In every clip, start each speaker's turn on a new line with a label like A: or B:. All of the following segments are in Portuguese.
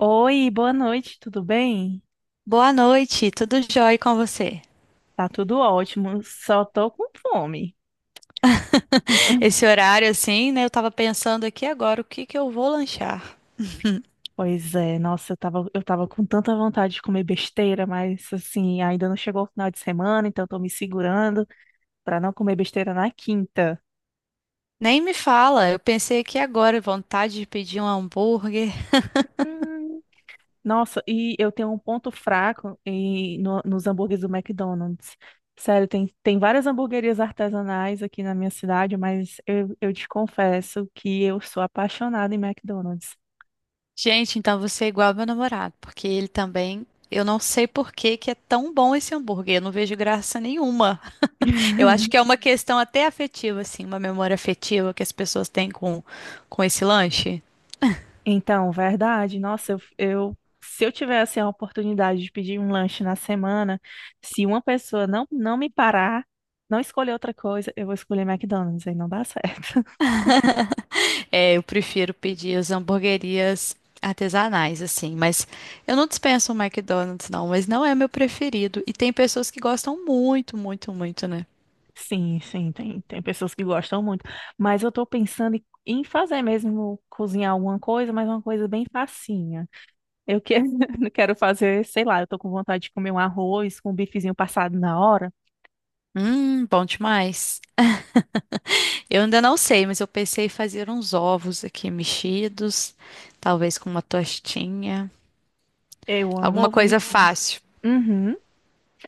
A: Oi, boa noite, tudo bem?
B: Boa noite, tudo jóia com você?
A: Tá tudo ótimo, só tô com fome.
B: Esse horário assim, né? Eu tava pensando aqui agora o que que eu vou lanchar.
A: Pois é, nossa, eu tava com tanta vontade de comer besteira, mas assim, ainda não chegou o final de semana, então tô me segurando pra não comer besteira na quinta.
B: Nem me fala, eu pensei aqui agora, vontade de pedir um hambúrguer.
A: Hum, nossa, e eu tenho um ponto fraco nos hambúrgueres do McDonald's. Sério, tem várias hamburguerias artesanais aqui na minha cidade, mas eu te confesso que eu sou apaixonada em McDonald's.
B: Gente, então você é igual ao meu namorado, porque ele também, eu não sei por que que é tão bom esse hambúrguer, eu não vejo graça nenhuma. Eu acho que é uma questão até afetiva, assim, uma memória afetiva que as pessoas têm com esse lanche.
A: Então, verdade. Nossa, se eu tivesse a oportunidade de pedir um lanche na semana, se uma pessoa não me parar, não escolher outra coisa, eu vou escolher McDonald's, aí não dá certo.
B: É, eu prefiro pedir as hamburguerias artesanais, assim, mas eu não dispenso o McDonald's, não, mas não é meu preferido. E tem pessoas que gostam muito, muito, muito, né?
A: Sim, sim, tem pessoas que gostam muito. Mas eu tô pensando em fazer mesmo, cozinhar alguma coisa, mas uma coisa bem facinha. Eu que, quero fazer, sei lá, eu tô com vontade de comer um arroz com um bifezinho passado na hora.
B: Bom demais. Eu ainda não sei, mas eu pensei em fazer uns ovos aqui mexidos, talvez com uma tostinha,
A: Eu amo
B: alguma
A: ovo
B: coisa
A: mexido.
B: fácil.
A: Uhum.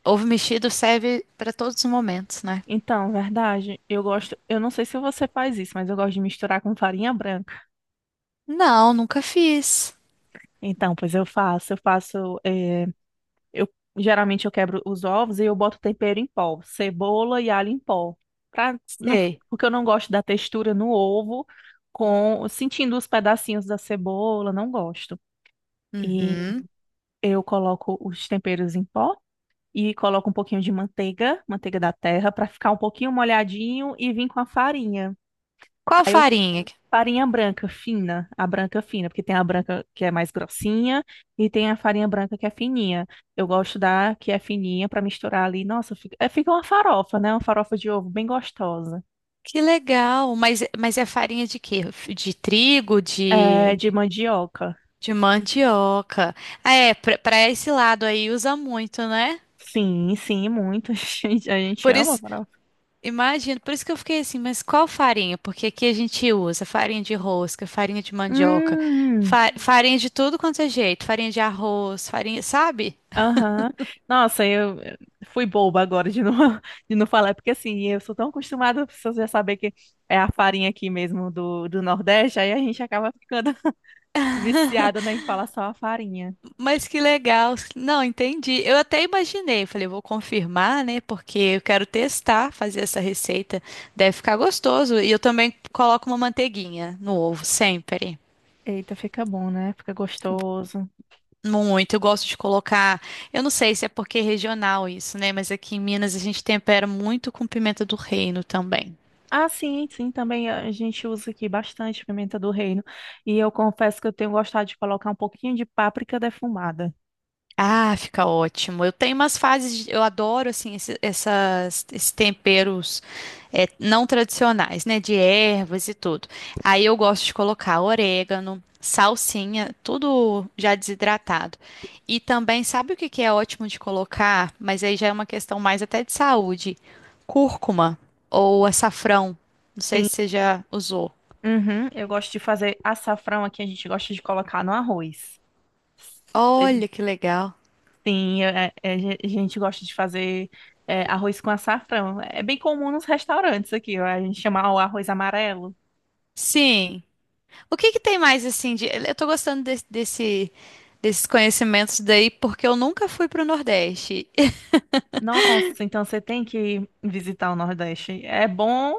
B: Ovo mexido serve para todos os momentos, né?
A: Então, verdade, eu gosto, eu não sei se você faz isso, mas eu gosto de misturar com farinha branca.
B: Não, nunca fiz.
A: Então, pois eu faço, eu geralmente eu quebro os ovos e eu boto tempero em pó, cebola e alho em pó, pra, não, f-
B: Sei.
A: porque eu não gosto da textura no ovo, com sentindo os pedacinhos da cebola, não gosto. E
B: Uhum.
A: eu coloco os temperos em pó e coloco um pouquinho de manteiga, manteiga da terra, para ficar um pouquinho molhadinho e vim com a farinha.
B: Qual farinha?
A: Farinha branca fina, a branca fina, porque tem a branca que é mais grossinha e tem a farinha branca que é fininha. Eu gosto da que é fininha para misturar ali. Nossa, fica uma farofa, né? Uma farofa de ovo bem gostosa.
B: Que legal. Mas é farinha de quê? De trigo,
A: É, de mandioca.
B: de mandioca. Ah, é, pra, pra esse lado aí usa muito, né?
A: Sim, sim, muito. A gente
B: Por
A: ama
B: isso,
A: farofa.
B: imagino, por isso que eu fiquei assim, mas qual farinha? Porque aqui a gente usa farinha de rosca, farinha de mandioca,
A: Hum,
B: farinha de tudo quanto é jeito, farinha de arroz, farinha, sabe?
A: aham. Nossa, eu fui boba agora de não, de não falar, porque assim, eu sou tão acostumada, as pessoas já saber que é a farinha aqui mesmo do Nordeste, aí a gente acaba ficando. Viciada, né, em falar só a farinha.
B: Mas que legal. Não, entendi. Eu até imaginei, falei, vou confirmar, né? Porque eu quero testar, fazer essa receita. Deve ficar gostoso. E eu também coloco uma manteiguinha no ovo, sempre.
A: Eita, fica bom, né? Fica gostoso.
B: Muito. Eu gosto de colocar. Eu não sei se é porque é regional isso, né? Mas aqui em Minas a gente tempera muito com pimenta do reino também.
A: Ah, sim, sim, também a gente usa aqui bastante pimenta do reino. E eu confesso que eu tenho gostado de colocar um pouquinho de páprica defumada.
B: Ah, fica ótimo. Eu tenho umas fases, eu adoro assim essas, esses temperos não tradicionais, né, de ervas e tudo. Aí eu gosto de colocar orégano, salsinha, tudo já desidratado. E também, sabe o que que é ótimo de colocar? Mas aí já é uma questão mais até de saúde. Cúrcuma ou açafrão. Não sei
A: Sim.
B: se você já usou.
A: Uhum, eu gosto de fazer açafrão aqui, a gente gosta de colocar no arroz. Seja-
B: Olha que legal.
A: A gente gosta de fazer arroz com açafrão. É bem comum nos restaurantes aqui, ó, a gente chama o arroz amarelo.
B: Sim. O que que tem mais assim de... Eu tô gostando desse, desses conhecimentos daí porque eu nunca fui pro Nordeste.
A: Nossa, então você tem que visitar o Nordeste. É bom,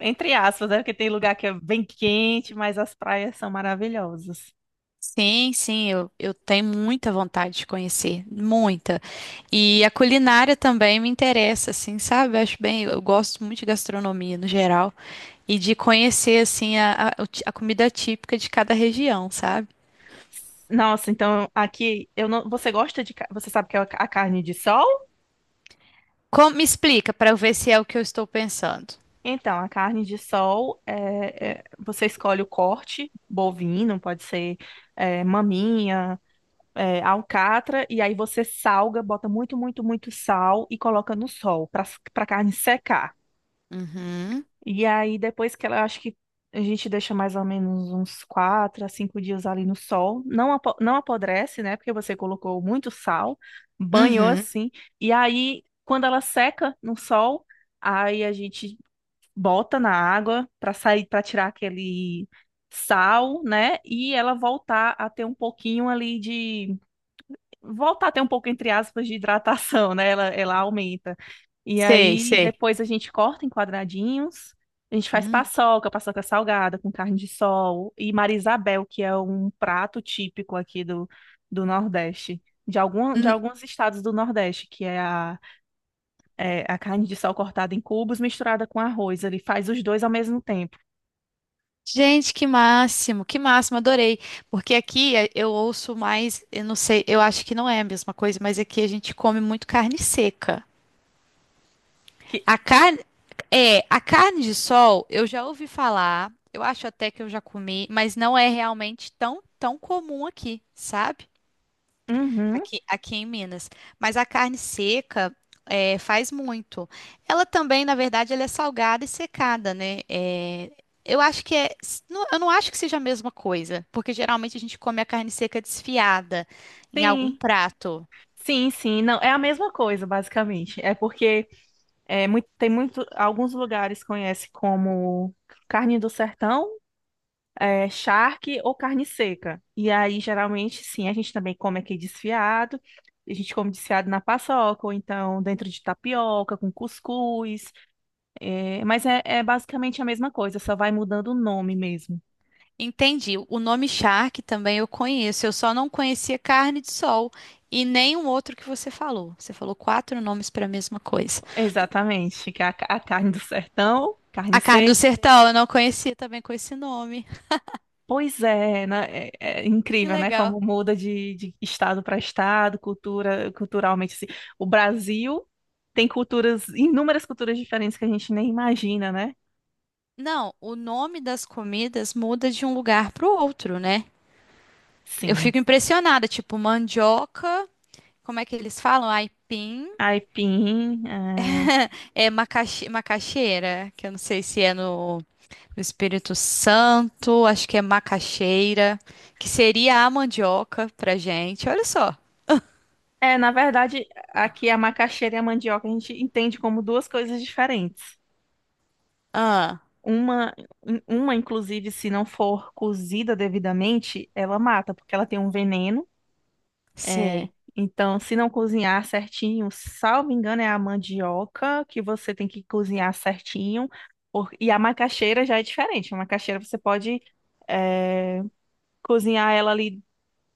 A: entre aspas, né? Porque tem lugar que é bem quente, mas as praias são maravilhosas.
B: Sim, sim, eu tenho muita vontade de conhecer, muita. E a culinária também me interessa, assim, sabe? Eu acho bem, eu gosto muito de gastronomia no geral e de conhecer assim o a comida típica de cada região, sabe?
A: Nossa, então aqui eu não. Você gosta de. Ca- Você sabe que é a carne de sol?
B: Como, me explica para eu ver se é o que eu estou pensando.
A: Então, a carne de sol você escolhe o corte bovino, pode ser maminha, alcatra, e aí você salga, bota muito, muito, muito sal e coloca no sol para para a carne secar.
B: Uhum,
A: E aí, depois que ela, eu acho que a gente deixa mais ou menos uns quatro a cinco dias ali no sol. Não, não apodrece, né? Porque você colocou muito sal, banhou
B: uhum,
A: assim. E aí, quando ela seca no sol, aí a gente bota na água para sair, para tirar aquele sal, né? E ela voltar a ter um pouco, entre aspas, de hidratação, né? Ela aumenta. E
B: sei,
A: aí
B: sei.
A: depois a gente corta em quadradinhos, a gente faz
B: Hum.
A: paçoca, paçoca salgada com carne de sol e Marisabel, que é um prato típico aqui do Nordeste. De alguns estados do Nordeste, que é é a carne de sol cortada em cubos misturada com arroz. Ele faz os dois ao mesmo tempo.
B: Gente, que máximo, adorei. Porque aqui eh, eu ouço mais, eu não sei, eu acho que não é a mesma coisa, mas aqui a gente come muito carne seca.
A: Que,
B: A carne, é, a carne de sol, eu já ouvi falar, eu acho até que eu já comi, mas não é realmente tão, tão comum aqui, sabe?
A: uhum,
B: Aqui, aqui em Minas. Mas a carne seca é, faz muito. Ela também, na verdade, ela é salgada e secada, né? É, eu acho que é. Eu não acho que seja a mesma coisa, porque geralmente a gente come a carne seca desfiada em algum
A: sim,
B: prato.
A: sim, sim. Não, é a mesma coisa, basicamente. É porque é, muito, tem muito, alguns lugares conhece como carne do sertão, charque ou carne seca. E aí, geralmente, sim, a gente também come aqui desfiado. A gente come desfiado na paçoca, ou então dentro de tapioca, com cuscuz. É basicamente a mesma coisa, só vai mudando o nome mesmo.
B: Entendi. O nome charque também eu conheço. Eu só não conhecia carne de sol e nenhum outro que você falou. Você falou quatro nomes para a mesma coisa.
A: Exatamente, que é a carne do sertão, carne
B: A carne
A: seca.
B: do sertão eu não conhecia também com esse nome.
A: Pois é, né? É, é
B: Que
A: incrível, né?
B: legal.
A: Como muda de estado para estado, cultura, culturalmente. Assim. O Brasil tem culturas, inúmeras culturas diferentes que a gente nem imagina, né?
B: Não, o nome das comidas muda de um lugar para o outro, né? Eu
A: Sim.
B: fico impressionada, tipo mandioca, como é que eles falam? Aipim,
A: Aipim. É,
B: é macaxeira, que eu não sei se é no Espírito Santo, acho que é macaxeira, que seria a mandioca pra gente. Olha só.
A: é, na verdade, aqui a macaxeira e a mandioca a gente entende como duas coisas diferentes.
B: Ah,
A: Uma, uma, inclusive, se não for cozida devidamente, ela mata, porque ela tem um veneno. É,
B: sei.
A: então, se não cozinhar certinho, salvo engano, é a mandioca que você tem que cozinhar certinho. E a macaxeira já é diferente. A macaxeira você pode é, cozinhar ela ali,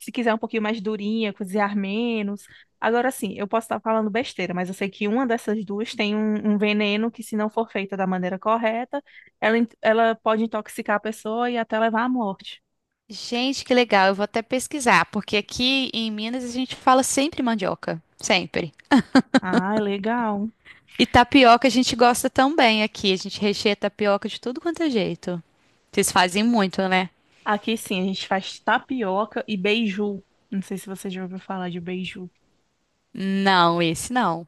A: se quiser um pouquinho mais durinha, cozinhar menos. Agora sim, eu posso estar falando besteira, mas eu sei que uma dessas duas tem um veneno que, se não for feita da maneira correta, ela pode intoxicar a pessoa e até levar à morte.
B: Gente, que legal. Eu vou até pesquisar, porque aqui em Minas a gente fala sempre mandioca, sempre.
A: Ah, é legal.
B: E tapioca a gente gosta também aqui. A gente recheia tapioca de tudo quanto é jeito. Vocês fazem muito, né?
A: Aqui sim, a gente faz tapioca e beiju. Não sei se você já ouviu falar de beiju.
B: Não, esse não.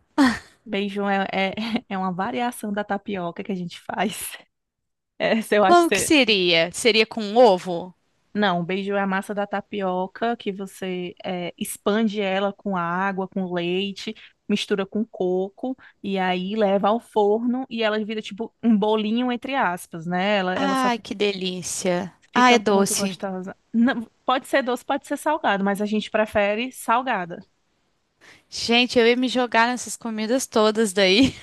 A: Beiju é uma variação da tapioca que a gente faz. Essa eu acho que
B: Como que
A: você...
B: seria? Seria com ovo?
A: Não, beiju é a massa da tapioca que você expande ela com água, com leite, mistura com coco e aí leva ao forno e ela vira tipo um bolinho entre aspas, né?
B: Ai, que delícia. Ah,
A: Fica
B: é
A: muito
B: doce.
A: gostosa. Não, pode ser doce, pode ser salgado, mas a gente prefere salgada.
B: Gente, eu ia me jogar nessas comidas todas daí.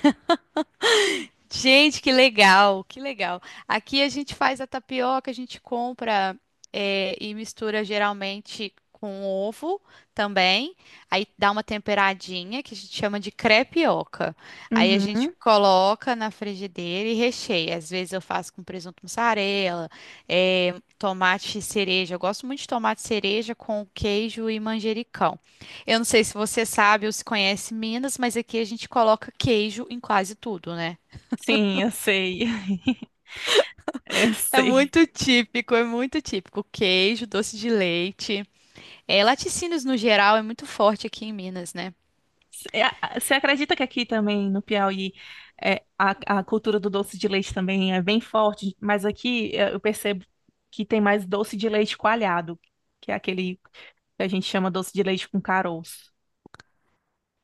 B: Gente, que legal, que legal. Aqui a gente faz a tapioca, a gente compra eh, e mistura geralmente com ovo também. Aí dá uma temperadinha que a gente chama de crepioca. Aí a gente
A: Uhum.
B: coloca na frigideira e recheia. Às vezes eu faço com presunto mussarela, eh, tomate cereja. Eu gosto muito de tomate cereja com queijo e manjericão. Eu não sei se você sabe ou se conhece Minas, mas aqui a gente coloca queijo em quase tudo, né?
A: Sim, eu sei. Eu
B: É
A: sei.
B: muito típico, é muito típico. Queijo, doce de leite. É, laticínios no geral é muito forte aqui em Minas, né?
A: É, a- Você acredita que aqui também no Piauí a cultura do doce de leite também é bem forte, mas aqui eu percebo que tem mais doce de leite coalhado, que é aquele que a gente chama doce de leite com caroço.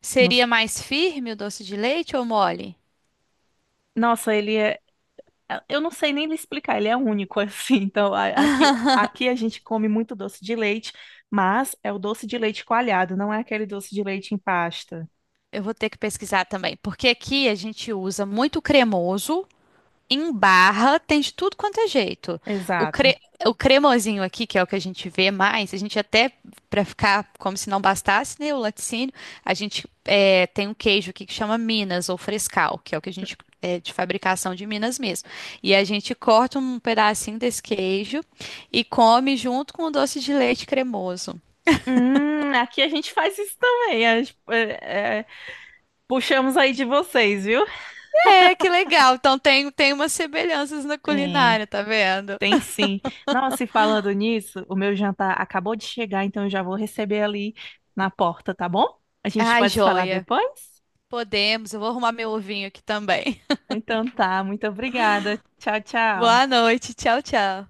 B: Seria
A: Nos-
B: mais firme o doce de leite ou mole?
A: Nossa, ele é. Eu não sei nem lhe explicar, ele é único assim. Então, aqui, aqui a gente come muito doce de leite, mas é o doce de leite coalhado, não é aquele doce de leite em pasta.
B: Eu vou ter que pesquisar também, porque aqui a gente usa muito cremoso. Em barra tem de tudo quanto é jeito. O,
A: Exato.
B: cre... o cremosinho aqui, que é o que a gente vê mais, a gente até, para ficar como se não bastasse, né, o laticínio, a gente é, tem um queijo aqui que chama Minas ou Frescal, que é o que a gente é de fabricação de Minas mesmo. E a gente corta um pedacinho desse queijo e come junto com o doce de leite cremoso.
A: Aqui a gente faz isso também. A gente, puxamos aí de vocês, viu?
B: É, que legal. Então tem, tem umas semelhanças na
A: Tem,
B: culinária, tá vendo?
A: tem sim. Nossa, e falando nisso, o meu jantar acabou de chegar, então eu já vou receber ali na porta, tá bom? A gente
B: Ai,
A: pode se falar
B: joia.
A: depois?
B: Podemos, eu vou arrumar meu ovinho aqui também.
A: Então tá, muito obrigada. Tchau, tchau.
B: Boa noite. Tchau, tchau.